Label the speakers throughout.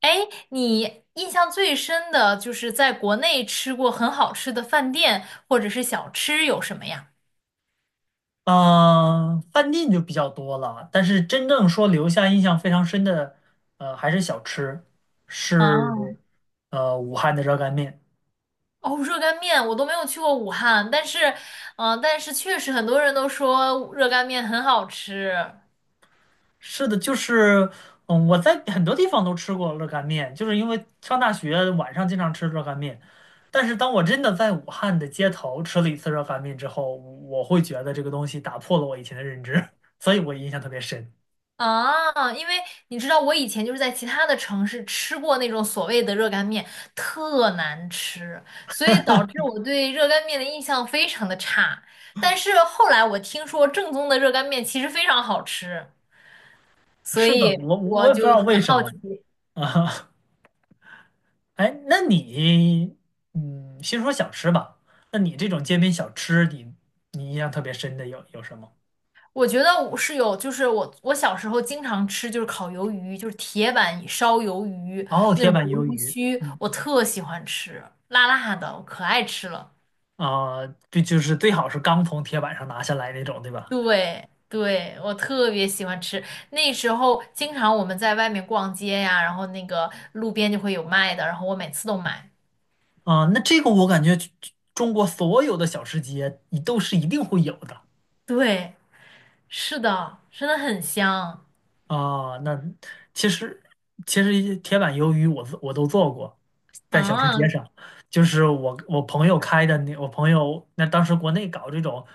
Speaker 1: 哎，你印象最深的就是在国内吃过很好吃的饭店或者是小吃有什么呀？
Speaker 2: 嗯，饭店就比较多了，但是真正说留下印象非常深的，还是小吃，是
Speaker 1: 哦，
Speaker 2: 武汉的热干面。
Speaker 1: 哦，热干面我都没有去过武汉，但是确实很多人都说热干面很好吃。
Speaker 2: 是的，就是嗯，我在很多地方都吃过热干面，就是因为上大学晚上经常吃热干面。但是当我真的在武汉的街头吃了一次热干面之后，我会觉得这个东西打破了我以前的认知，所以我印象特别深。
Speaker 1: 啊，因为你知道我以前就是在其他的城市吃过那种所谓的热干面，特难吃，所以导致我对热干面的印象非常的差。但是后来我听说正宗的热干面其实非常好吃。所
Speaker 2: 是的，
Speaker 1: 以
Speaker 2: 我
Speaker 1: 我
Speaker 2: 也不知
Speaker 1: 就
Speaker 2: 道
Speaker 1: 很
Speaker 2: 为什
Speaker 1: 好
Speaker 2: 么
Speaker 1: 奇，
Speaker 2: 啊。哎，那你，嗯，先说小吃吧。那你这种街边小吃，你印象特别深的有什么？
Speaker 1: 我觉得我是有，就是我小时候经常吃就是烤鱿鱼，就是铁板烧鱿鱼
Speaker 2: 哦，
Speaker 1: 那
Speaker 2: 铁
Speaker 1: 种
Speaker 2: 板
Speaker 1: 鱿
Speaker 2: 鱿
Speaker 1: 鱼
Speaker 2: 鱼，
Speaker 1: 须，
Speaker 2: 嗯。
Speaker 1: 我特喜欢吃，辣辣的，我可爱吃了。
Speaker 2: 啊，这就是最好是刚从铁板上拿下来那种，对吧？
Speaker 1: 对对，我特别喜欢吃。那时候经常我们在外面逛街呀，然后那个路边就会有卖的，然后我每次都买。
Speaker 2: 啊，那这个我感觉中国所有的小吃街，你都是一定会有的。
Speaker 1: 对，是的，真的很香
Speaker 2: 啊，那其实其实一铁板鱿鱼我都做过，在小吃街
Speaker 1: 啊！
Speaker 2: 上，就是我朋友开的，那我朋友那当时国内搞这种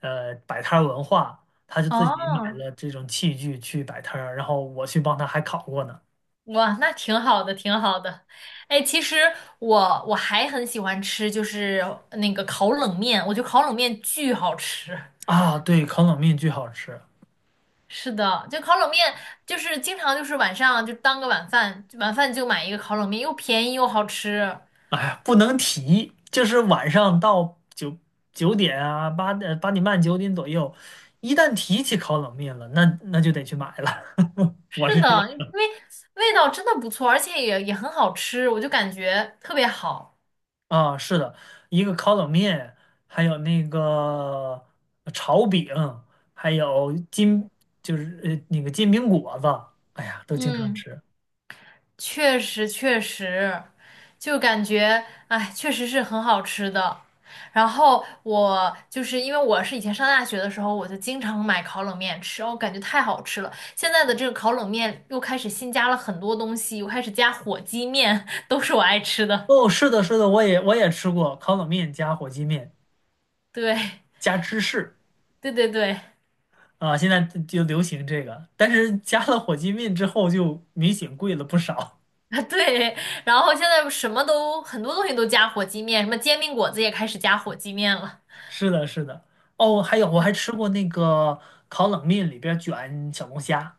Speaker 2: 摆摊儿文化，他就自己买
Speaker 1: 哦，
Speaker 2: 了这种器具去摆摊儿，然后我去帮他还烤过呢。
Speaker 1: 哇，那挺好的，挺好的。哎，其实我还很喜欢吃，就是那个烤冷面，我觉得烤冷面巨好吃。
Speaker 2: 啊，对，烤冷面巨好吃，
Speaker 1: 是的，就烤冷面，就是经常就是晚上就当个晚饭，晚饭就买一个烤冷面，又便宜又好吃。
Speaker 2: 哎呀，不能提，就是晚上到九点啊，八点半九点左右，一旦提起烤冷面了，那就得去买了。我
Speaker 1: 是
Speaker 2: 是这样。
Speaker 1: 的，因为味道真的不错，而且也很好吃，我就感觉特别好。
Speaker 2: 啊，是的，一个烤冷面，还有那个炒饼，还有金，就是那个煎饼果子，哎呀，都经常
Speaker 1: 嗯。
Speaker 2: 吃。
Speaker 1: 确实确实，就感觉哎，确实是很好吃的。然后我就是因为我是以前上大学的时候，我就经常买烤冷面吃，我感觉太好吃了。现在的这个烤冷面又开始新加了很多东西，又开始加火鸡面，都是我爱吃的。
Speaker 2: 哦，是的，是的，我也吃过烤冷面加火鸡面
Speaker 1: 对，
Speaker 2: 加芝士。
Speaker 1: 对对对。
Speaker 2: 啊，现在就流行这个，但是加了火鸡面之后就明显贵了不少。
Speaker 1: 啊，对对，然后现在什么都很多东西都加火鸡面，什么煎饼果子也开始加火鸡面了。
Speaker 2: 是的，是的。哦，还有我还吃过那个烤冷面里边卷小龙虾。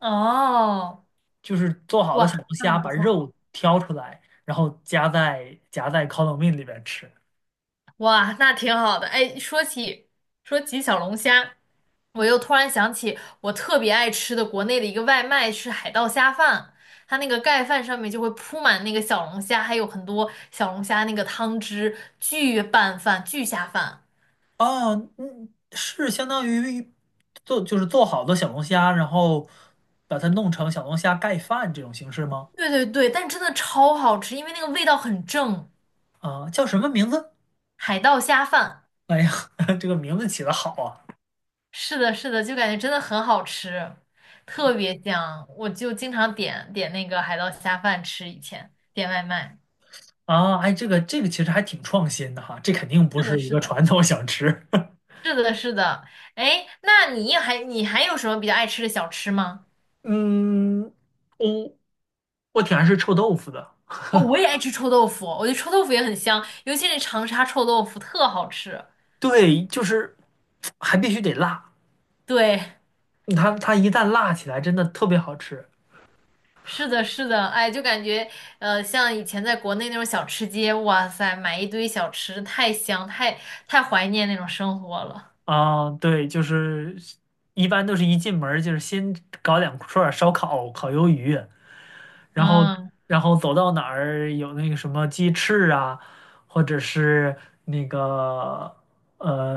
Speaker 1: 哦，
Speaker 2: 就是做好的小
Speaker 1: 哇，
Speaker 2: 龙
Speaker 1: 那
Speaker 2: 虾，
Speaker 1: 很不
Speaker 2: 把
Speaker 1: 错。
Speaker 2: 肉挑出来，然后夹在烤冷面里边吃。
Speaker 1: 哇，那挺好的。哎，说起小龙虾，我又突然想起我特别爱吃的国内的一个外卖是海盗虾饭，它那个盖饭上面就会铺满那个小龙虾，还有很多小龙虾那个汤汁，巨拌饭、巨下饭。
Speaker 2: 哦，嗯，是相当于就是做好的小龙虾，然后把它弄成小龙虾盖饭这种形式吗？
Speaker 1: 对对对，但真的超好吃，因为那个味道很正。
Speaker 2: 啊，叫什么名字？
Speaker 1: 海盗虾饭，
Speaker 2: 哎呀，这个名字起的好啊！
Speaker 1: 是的，是的，就感觉真的很好吃，特别香。我就经常点点那个海盗虾饭吃，以前点外卖。
Speaker 2: 啊，哎，这个其实还挺创新的哈，这肯定不
Speaker 1: 是的，
Speaker 2: 是一
Speaker 1: 是
Speaker 2: 个
Speaker 1: 的。
Speaker 2: 传统小吃。
Speaker 1: 是的，是的。哎，那你还有什么比较爱吃的小吃吗？
Speaker 2: 嗯，我我挺爱吃臭豆腐的，
Speaker 1: 哦，我也爱吃臭豆腐，我觉得臭豆腐也很香，尤其是长沙臭豆腐特好吃。
Speaker 2: 对，就是还必须得辣。
Speaker 1: 对，
Speaker 2: 它一旦辣起来，真的特别好吃。
Speaker 1: 是的，是的。哎，就感觉像以前在国内那种小吃街，哇塞，买一堆小吃，太香，太怀念那种生活了。
Speaker 2: 啊！对，就是一般都是一进门儿就是先搞两串儿烧烤、烤鱿鱼，然后
Speaker 1: 嗯，
Speaker 2: 走到哪儿有那个什么鸡翅啊，或者是那个呃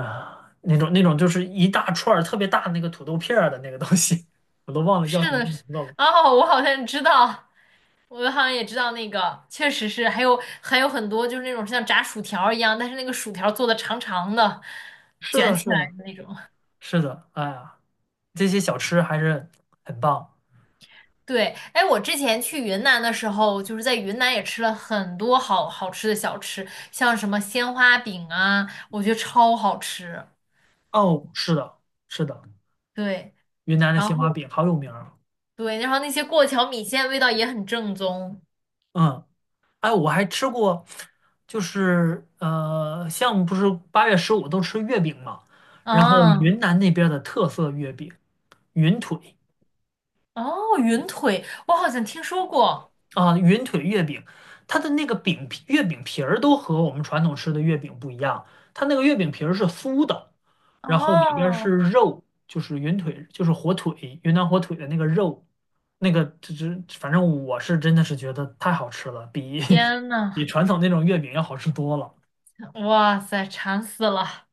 Speaker 2: 那种那种就是一大串儿特别大的那个土豆片儿的那个东西，我都忘了叫
Speaker 1: 是
Speaker 2: 什么
Speaker 1: 的，
Speaker 2: 名
Speaker 1: 是。
Speaker 2: 字了。
Speaker 1: 哦，我好像知道。我好像也知道那个，确实是，还有很多就是那种像炸薯条一样，但是那个薯条做的长长的，
Speaker 2: 是
Speaker 1: 卷
Speaker 2: 的，
Speaker 1: 起
Speaker 2: 是
Speaker 1: 来
Speaker 2: 的，
Speaker 1: 的那种。
Speaker 2: 是的，哎呀，这些小吃还是很棒
Speaker 1: 对，哎，我之前去云南的时候，就是在云南也吃了很多好好吃的小吃，像什么鲜花饼啊，我觉得超好吃。
Speaker 2: 哦。是的，是的。
Speaker 1: 对，
Speaker 2: 云南的
Speaker 1: 然
Speaker 2: 鲜花
Speaker 1: 后
Speaker 2: 饼好有名儿。
Speaker 1: 对，然后那些过桥米线味道也很正宗。
Speaker 2: 嗯，哎，我还吃过，就是像不是八月十五都吃月饼嘛，然后
Speaker 1: 啊，
Speaker 2: 云南那边儿的特色月饼，云腿。
Speaker 1: 哦，云腿，我好像听说过。
Speaker 2: 啊，云腿月饼，它的那个月饼皮儿都和我们传统吃的月饼不一样，它那个月饼皮儿是酥的，然后里边儿是
Speaker 1: 哦，
Speaker 2: 肉，就是云腿，就是火腿，云南火腿的那个肉，那个这这，反正我是真的是觉得太好吃了，比
Speaker 1: 天
Speaker 2: 比
Speaker 1: 呐，
Speaker 2: 传统那种月饼要好吃多了。
Speaker 1: 哇塞，馋死了。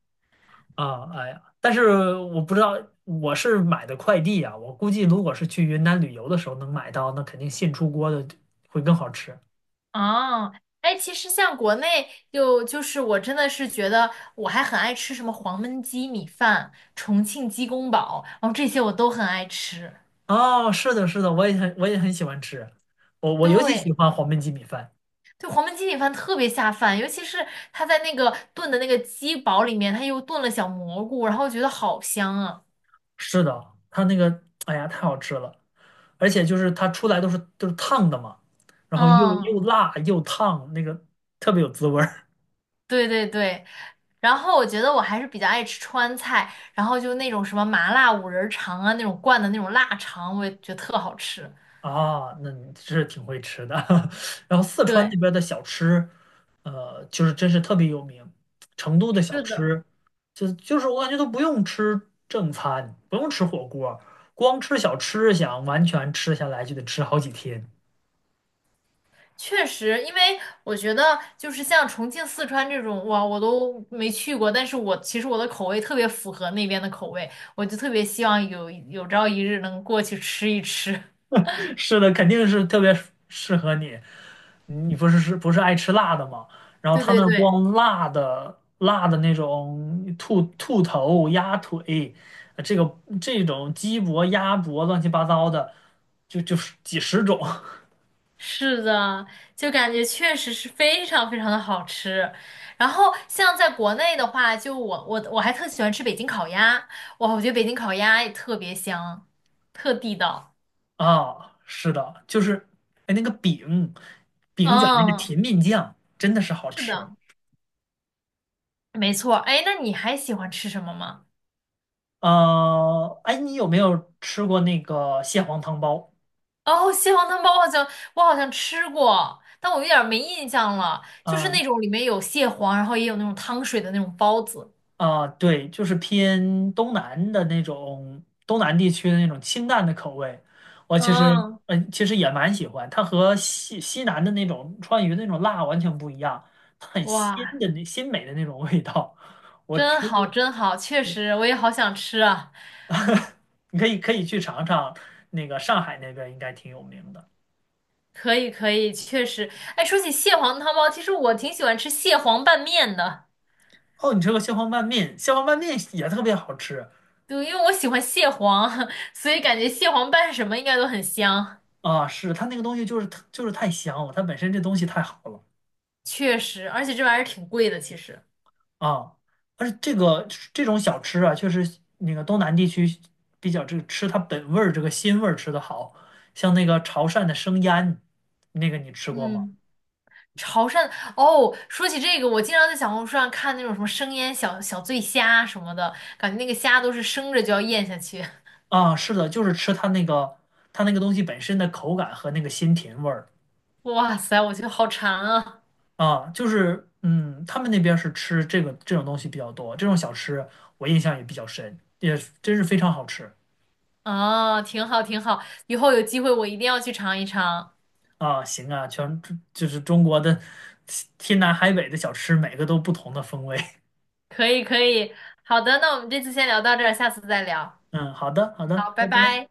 Speaker 2: 啊！哎呀，但是我不知道，我是买的快递啊，我估计如果是去云南旅游的时候能买到，那肯定现出锅的会更好吃。
Speaker 1: 哦，哎，其实像国内就是我真的是觉得我还很爱吃什么黄焖鸡米饭、重庆鸡公煲，然后这些我都很爱吃。
Speaker 2: 哦，是的，是的，我也很喜欢吃，我尤其喜
Speaker 1: 对，
Speaker 2: 欢黄焖鸡米饭。
Speaker 1: 对，黄焖鸡米饭特别下饭，尤其是它在那个炖的那个鸡煲里面，它又炖了小蘑菇，然后觉得好香啊。
Speaker 2: 是的，它那个，哎呀，太好吃了，而且就是它出来都是烫的嘛，然后
Speaker 1: 嗯，
Speaker 2: 又辣又烫，那个特别有滋味儿。
Speaker 1: 对对对。然后我觉得我还是比较爱吃川菜，然后就那种什么麻辣五仁肠啊，那种灌的那种腊肠，我也觉得特好吃。
Speaker 2: 啊。那你是挺会吃的。然后四川
Speaker 1: 对，
Speaker 2: 那边的小吃，呃，就是真是特别有名。成都的小
Speaker 1: 是的。
Speaker 2: 吃，就是我感觉都不用吃正餐，不用吃火锅，光吃小吃，想完全吃下来就得吃好几天。
Speaker 1: 确实，因为我觉得就是像重庆、四川这种，哇，我都没去过，但是我其实我的口味特别符合那边的口味，我就特别希望有朝一日能过去吃一吃。
Speaker 2: 是的，肯定是特别适合你。你不是是不是爱吃辣的吗？然后
Speaker 1: 对
Speaker 2: 他
Speaker 1: 对
Speaker 2: 那儿
Speaker 1: 对，
Speaker 2: 光辣的那种兔头、鸭腿，这种鸡脖、鸭脖，乱七八糟的，就是几十种。
Speaker 1: 是的，就感觉确实是非常非常的好吃。然后像在国内的话，就我还特喜欢吃北京烤鸭，哇，我觉得北京烤鸭也特别香，特地道。
Speaker 2: 啊。是的，就是哎那个饼卷那个
Speaker 1: 嗯，
Speaker 2: 甜面酱真的是好
Speaker 1: 是
Speaker 2: 吃。
Speaker 1: 的，没错。哎，那你还喜欢吃什么吗？
Speaker 2: 呃，哎，你有没有吃过那个蟹黄汤包？
Speaker 1: 哦，蟹黄汤包好像我好像吃过，但我有点儿没印象了。就是
Speaker 2: 啊？
Speaker 1: 那种里面有蟹黄，然后也有那种汤水的那种包子。
Speaker 2: 啊，对，就是偏东南的那种东南地区的那种清淡的口味，我其实
Speaker 1: 嗯，
Speaker 2: 嗯、其实也蛮喜欢。它和西南的那种川渝的那种辣完全不一样，它很鲜
Speaker 1: 哇，
Speaker 2: 的鲜美的那种味道。我
Speaker 1: 真
Speaker 2: 吃
Speaker 1: 好，
Speaker 2: 过，
Speaker 1: 真好，确实我也好想吃啊。
Speaker 2: 你可以去尝尝，那个上海那边应该挺有名的。
Speaker 1: 可以，可以，确实。哎，说起蟹黄汤包，其实我挺喜欢吃蟹黄拌面的。
Speaker 2: 哦，你吃过蟹黄拌面，蟹黄拌面也特别好吃。
Speaker 1: 对，因为我喜欢蟹黄，所以感觉蟹黄拌什么应该都很香。
Speaker 2: 啊！是它那个东西就是就是太香了，它本身这东西太好了。
Speaker 1: 确实，而且这玩意儿挺贵的，其实。
Speaker 2: 啊，而且这种小吃啊，确实那个东南地区比较这个吃它本味儿这个鲜味儿吃的好，像那个潮汕的生腌，那个你吃过吗？
Speaker 1: 嗯。潮汕哦，说起这个，我经常在小红书上看那种什么生腌小醉虾什么的，感觉那个虾都是生着就要咽下去。
Speaker 2: 啊，是的，就是吃它那个它那个东西本身的口感和那个鲜甜味儿。
Speaker 1: 哇塞，我觉得好馋啊！
Speaker 2: 啊，就是嗯，他们那边儿是吃这种东西比较多，这种小吃我印象也比较深，也真是非常好吃。
Speaker 1: 啊，挺好挺好，以后有机会我一定要去尝一尝。
Speaker 2: 啊。行啊，就是中国的 天南海北的小吃，每个都不同的风味。
Speaker 1: 可以可以，好的，那我们这次先聊到这儿，下次再聊。
Speaker 2: 嗯，好的，好的，
Speaker 1: 好，
Speaker 2: 拜
Speaker 1: 拜
Speaker 2: 拜。
Speaker 1: 拜。